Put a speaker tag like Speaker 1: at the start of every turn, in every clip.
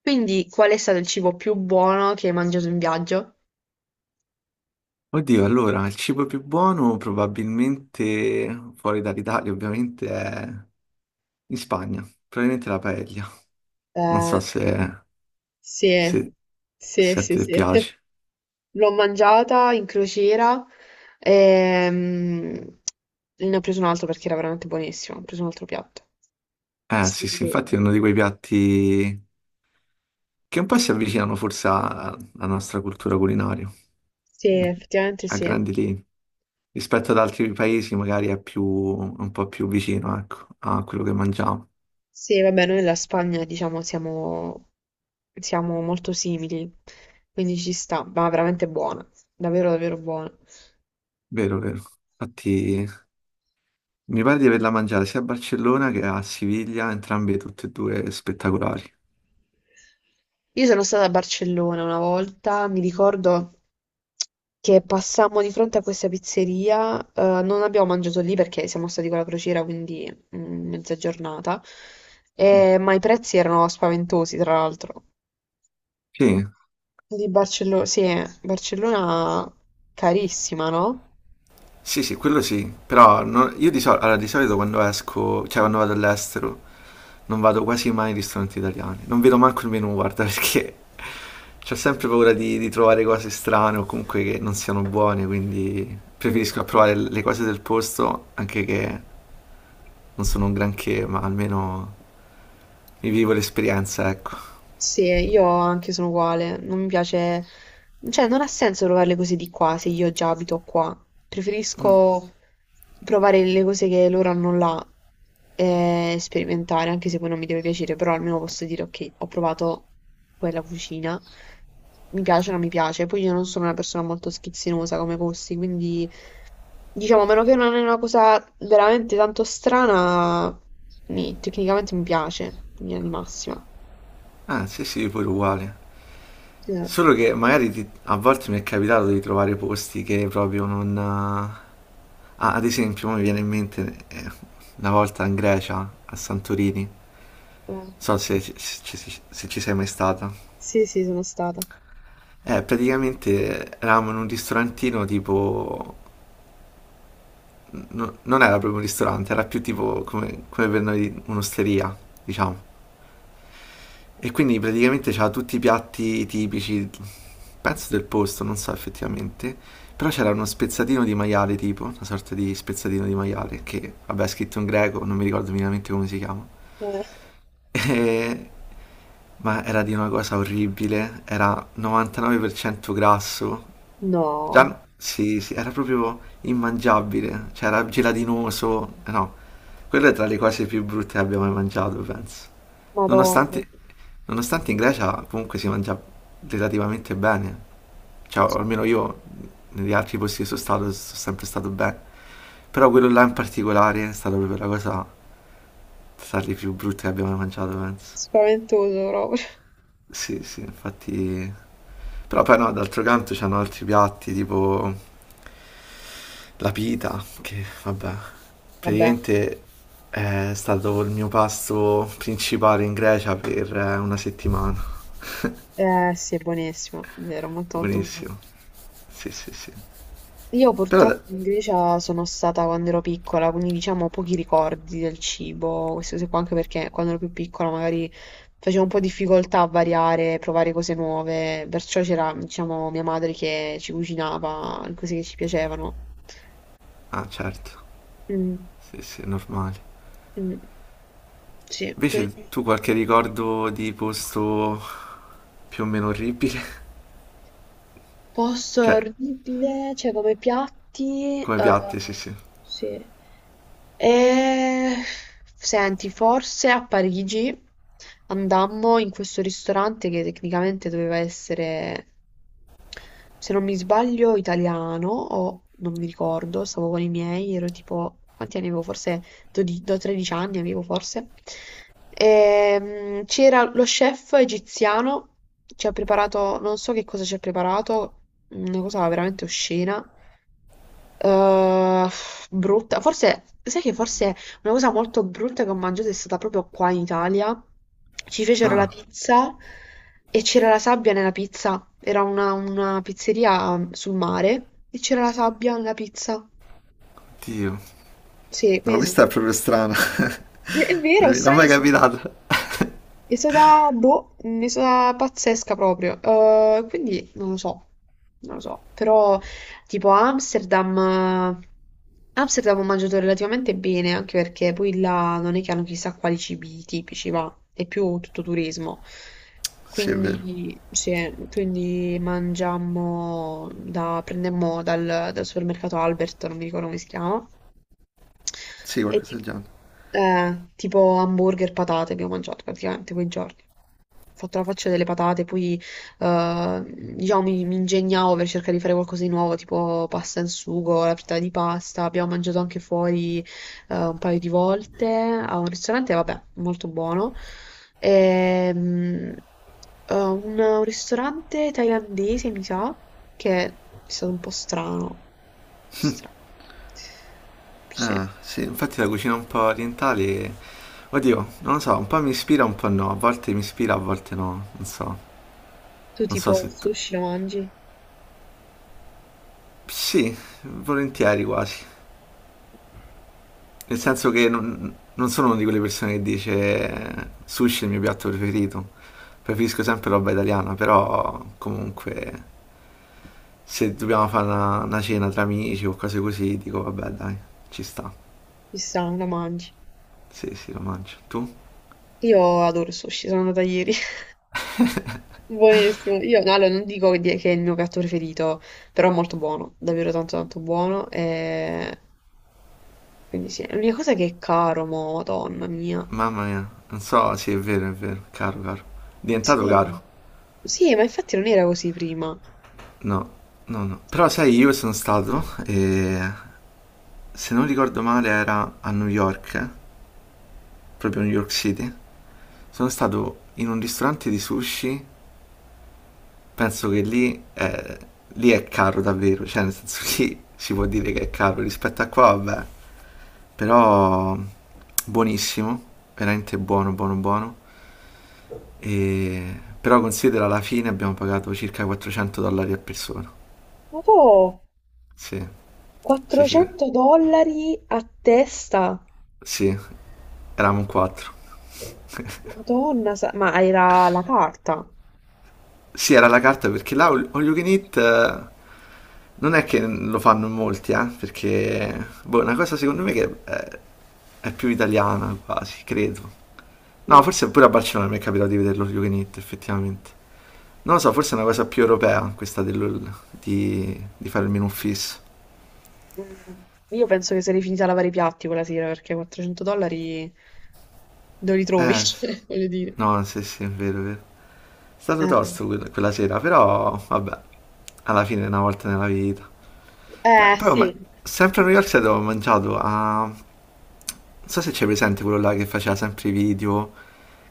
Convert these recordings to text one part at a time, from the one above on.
Speaker 1: Quindi, qual è stato il cibo più buono che hai mangiato in viaggio?
Speaker 2: Oddio, allora, il cibo più buono probabilmente, fuori dall'Italia ovviamente, è in Spagna, probabilmente la paella. Non
Speaker 1: Eh,
Speaker 2: so se,
Speaker 1: sì,
Speaker 2: se-
Speaker 1: sì,
Speaker 2: se a
Speaker 1: sì,
Speaker 2: te
Speaker 1: sì.
Speaker 2: piace.
Speaker 1: L'ho mangiata in crociera ehm, ne ho preso un altro perché era veramente buonissimo. Ho preso un altro piatto.
Speaker 2: Eh sì, sì,
Speaker 1: Stupido.
Speaker 2: infatti è uno di quei piatti che un po' si avvicinano forse alla nostra cultura culinaria,
Speaker 1: Sì, effettivamente
Speaker 2: a
Speaker 1: sì.
Speaker 2: grandi linee. Rispetto ad altri paesi magari è più, un po' più vicino, ecco, a quello che mangiamo.
Speaker 1: Sì, vabbè, noi e la Spagna, diciamo, siamo molto simili, quindi ci sta, ma veramente buona, davvero, davvero buona.
Speaker 2: Vero, vero. Infatti mi pare di averla mangiata sia a Barcellona che a Siviglia, entrambe tutte e due spettacolari.
Speaker 1: Io sono stata a Barcellona una volta, mi ricordo che passammo di fronte a questa pizzeria, non abbiamo mangiato lì perché siamo stati con la crociera, quindi mezza giornata,
Speaker 2: Mm.
Speaker 1: ma i prezzi erano spaventosi, tra l'altro.
Speaker 2: Sì,
Speaker 1: Di Barcellona, sì, Barcellona carissima, no?
Speaker 2: sì, sì, quello sì, però io allora, di solito quando esco, cioè quando vado all'estero, non vado quasi mai in ristoranti italiani, non vedo manco il menù, guarda, perché ho sempre paura di trovare cose strane o comunque che non siano buone, quindi preferisco
Speaker 1: Mm.
Speaker 2: provare le cose del posto, anche che non sono un granché, ma almeno mi vivo l'esperienza, ecco.
Speaker 1: Sì, io anche sono uguale, non mi piace, cioè non ha senso provare le cose di qua se io già abito qua, preferisco provare le cose che loro hanno là e sperimentare, anche se poi non mi deve piacere, però almeno posso dire ok, ho provato quella cucina, mi piace o non mi piace, poi io non sono una persona molto schizzinosa come gusti, quindi diciamo, a meno che non è una cosa veramente tanto strana, tecnicamente mi piace, in linea di massima.
Speaker 2: Ah, sì, sì, pure uguale.
Speaker 1: Eh.
Speaker 2: Solo che magari a volte mi è capitato di trovare posti che proprio non... ah, ad esempio, mi viene in mente una volta in Grecia, a Santorini, non
Speaker 1: Eh,
Speaker 2: so se, ci- se ci se ci sei mai stata.
Speaker 1: Sì, sì, sono stata.
Speaker 2: Praticamente eravamo in un ristorantino tipo... non era proprio un ristorante, era più tipo come, come per noi un'osteria, diciamo. E quindi praticamente c'era tutti i piatti tipici, penso del posto, non so effettivamente, però c'era uno spezzatino di maiale tipo, una sorta di spezzatino di maiale, che vabbè è scritto in greco, non mi ricordo minimamente come si chiama,
Speaker 1: Eh,
Speaker 2: E- ma era di una cosa orribile, era 99% grasso.
Speaker 1: No,
Speaker 2: Già, sì, sì, era proprio immangiabile, cioè era gelatinoso, no, quella è tra le cose più brutte che abbia mai mangiato, penso.
Speaker 1: Madonna.
Speaker 2: Nonostante, nonostante in Grecia comunque si mangia relativamente bene, cioè o
Speaker 1: Cioè,
Speaker 2: almeno io negli altri posti che sono stato sono sempre stato bene, però quello là in particolare è stata proprio la cosa tra le più brutte che abbia mai mangiato, penso.
Speaker 1: spaventoso proprio.
Speaker 2: Sì, sì, infatti... Però poi no, d'altro canto c'hanno altri piatti, tipo... La pita, che vabbè,
Speaker 1: Vabbè,
Speaker 2: praticamente è stato il mio pasto principale in Grecia per una settimana.
Speaker 1: eh sì, è buonissimo, vero, molto molto buono.
Speaker 2: Buonissimo. Sì, sì, sì.
Speaker 1: Io
Speaker 2: Però... ade-
Speaker 1: purtroppo in Grecia sono stata quando ero piccola, quindi diciamo ho pochi ricordi del cibo, queste cose qua, anche perché quando ero più piccola magari facevo un po' difficoltà a variare, provare cose nuove, perciò c'era, diciamo, mia madre che ci cucinava le cose che ci piacevano.
Speaker 2: Ah, certo.
Speaker 1: Mm,
Speaker 2: Sì, sì, è normale.
Speaker 1: mm. Sì, per
Speaker 2: Invece tu qualche ricordo di posto più o meno orribile?
Speaker 1: posto è
Speaker 2: Cioè,
Speaker 1: orribile, cioè come piatti,
Speaker 2: come piatti, sì, sì.
Speaker 1: sì. E... Senti, forse a Parigi andammo in questo ristorante che tecnicamente doveva essere, se non mi sbaglio, italiano o non mi ricordo, stavo con i miei, ero tipo, quanti anni avevo? Forse 12 13 anni avevo forse. C'era lo chef egiziano, ci ha preparato, non so che cosa ci ha preparato, una cosa veramente oscena. Eh, brutta, forse, sai che forse una cosa molto brutta che ho mangiato è stata proprio qua in Italia. Ci fecero la
Speaker 2: Ah,
Speaker 1: pizza e c'era la sabbia nella pizza. Era una pizzeria sul mare e c'era la sabbia nella pizza.
Speaker 2: Dio.
Speaker 1: Sì,
Speaker 2: No,
Speaker 1: quindi
Speaker 2: questa è
Speaker 1: sono-
Speaker 2: proprio strana.
Speaker 1: È
Speaker 2: Non
Speaker 1: vero,
Speaker 2: mi non mi è mai
Speaker 1: stranissimo.
Speaker 2: capitato.
Speaker 1: È stata, boh, è stata pazzesca proprio. Quindi non lo so, non lo so. Però tipo a Amsterdam ho mangiato relativamente bene, anche perché poi là non è che hanno chissà quali cibi tipici, va, è più tutto turismo.
Speaker 2: Sì, è vero.
Speaker 1: Quindi, sì, quindi mangiammo, prendemmo dal supermercato Albert, non mi ricordo come si chiama,
Speaker 2: Sì,
Speaker 1: e
Speaker 2: qualcosa
Speaker 1: ti-
Speaker 2: del genere.
Speaker 1: tipo hamburger, patate abbiamo mangiato praticamente quei giorni. Ho fatto la faccia delle patate, poi eh, diciamo mi ingegnavo per cercare di fare qualcosa di nuovo, tipo pasta in sugo, la frittata di pasta. Abbiamo mangiato anche fuori un paio di volte a un ristorante, vabbè, molto buono. Ehm, un ristorante thailandese, mi sa, che è stato un po' strano. Un po' strano. Sì.
Speaker 2: Ah, sì, infatti la cucina un po' orientale, oddio, non lo so, un po' mi ispira, un po' no, a volte mi ispira, a volte no, non so,
Speaker 1: Tu
Speaker 2: non so
Speaker 1: tipo il
Speaker 2: se tu...
Speaker 1: sushi lo mangi?
Speaker 2: Sì, volentieri quasi, nel senso che non sono una di quelle persone che dice sushi è il mio piatto preferito, preferisco sempre roba italiana, però comunque se dobbiamo fare una cena tra amici o cose così, dico vabbè dai, ci sta,
Speaker 1: Chissà, lo mangi.
Speaker 2: sì, sì, lo mangio. Tu?
Speaker 1: Io adoro il sushi, sono andata ieri. Buonissimo. Io no, allora, non dico che è il mio piatto preferito, però è molto buono, davvero tanto tanto buono. E... Quindi sì, l'unica cosa è che è caro, mo, madonna mia.
Speaker 2: Mamma mia, non so, sì, è vero, caro, caro, diventato
Speaker 1: Sì.
Speaker 2: caro.
Speaker 1: Sì, ma infatti non era così prima.
Speaker 2: No, no, no. Però sai, io sono stato e se non ricordo male era a New York, proprio New York City. Sono stato in un ristorante di sushi, penso che lì è caro davvero, cioè nel senso lì si può dire che è caro rispetto a qua, vabbè. Però buonissimo, veramente buono, buono, buono. E... Però considera alla fine abbiamo pagato circa 400 dollari a persona.
Speaker 1: Ma po',
Speaker 2: Sì, sì, sì,
Speaker 1: 400 dollari a testa.
Speaker 2: sì, eravamo in quattro.
Speaker 1: Madonna, ma era la carta.
Speaker 2: Sì, era la carta perché là All You Can Eat non è che lo fanno in molti, perché boh, è una cosa secondo me che è più italiana quasi, credo. No,
Speaker 1: Mm.
Speaker 2: forse pure a Barcellona mi è capitato di vederlo All You Can Eat, effettivamente. Non lo so, forse è una cosa più europea questa di fare il menù fisso.
Speaker 1: Mm, io penso che sarei finita a lavare i piatti quella sera perché 400 dollari dove li trovi?
Speaker 2: Eh,
Speaker 1: Cioè, voglio dire.
Speaker 2: no, sì, sì, è vero, è vero. È stato
Speaker 1: Eh,
Speaker 2: tosto quella sera, però vabbè, alla fine è una volta nella vita. Beh,
Speaker 1: Eh,
Speaker 2: però
Speaker 1: sì,
Speaker 2: ma- sempre a New York State avevo mangiato a... Non so se c'è presente quello là che faceva sempre i video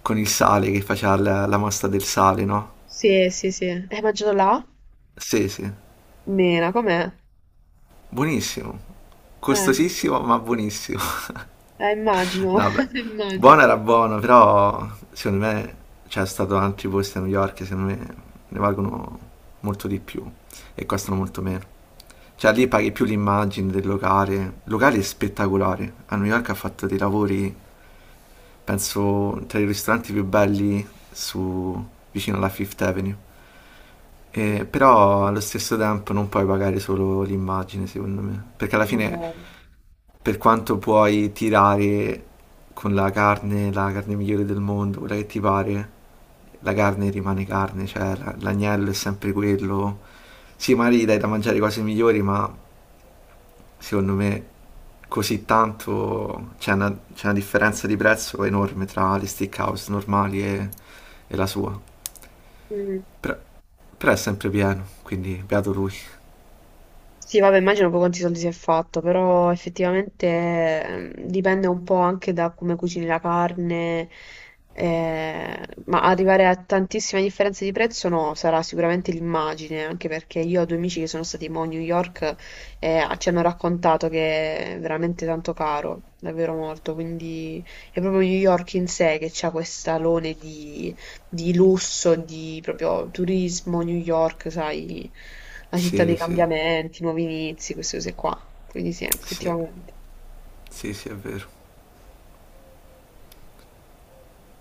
Speaker 2: con il sale, che faceva la mostra del sale, no?
Speaker 1: sì, sì, sì. Hai mangiato là?
Speaker 2: Sì, sì.
Speaker 1: Mena, com'è?
Speaker 2: Buonissimo,
Speaker 1: Eh,
Speaker 2: costosissimo ma buonissimo.
Speaker 1: immagino,
Speaker 2: No, vabbè,
Speaker 1: immagino.
Speaker 2: buono era buono, però secondo me c'è stato altri posti a New York, che secondo me ne valgono molto di più e costano molto meno. Cioè lì paghi più l'immagine del locale, il locale è spettacolare, a New York ha fatto dei lavori, penso, tra i ristoranti più belli su, vicino alla Fifth Avenue.
Speaker 1: Mm,
Speaker 2: Però allo stesso tempo non puoi pagare solo l'immagine, secondo me, perché alla fine,
Speaker 1: no.
Speaker 2: per quanto puoi tirare con la carne migliore del mondo, quella che ti pare, la carne rimane carne, cioè l'agnello è sempre quello. Sì, magari gli dai da mangiare cose migliori, ma secondo me così tanto c'è una differenza di prezzo enorme tra le steakhouse normali e la sua.
Speaker 1: Mm.
Speaker 2: Però, però è sempre pieno, quindi beato lui.
Speaker 1: Sì, vabbè, immagino poi quanti soldi si è fatto, però effettivamente dipende un po' anche da come cucini la carne, eh, ma arrivare a tantissime differenze di prezzo no, sarà sicuramente l'immagine, anche perché io ho due amici che sono stati mo a New York e ci hanno raccontato che è veramente tanto caro, davvero molto, quindi è proprio New York in sé che ha quest'alone di lusso, di proprio turismo, New York, sai, la città dei
Speaker 2: Sì, sì,
Speaker 1: cambiamenti, nuovi inizi, queste cose qua. Quindi sì,
Speaker 2: sì,
Speaker 1: effettivamente.
Speaker 2: sì, sì, è vero.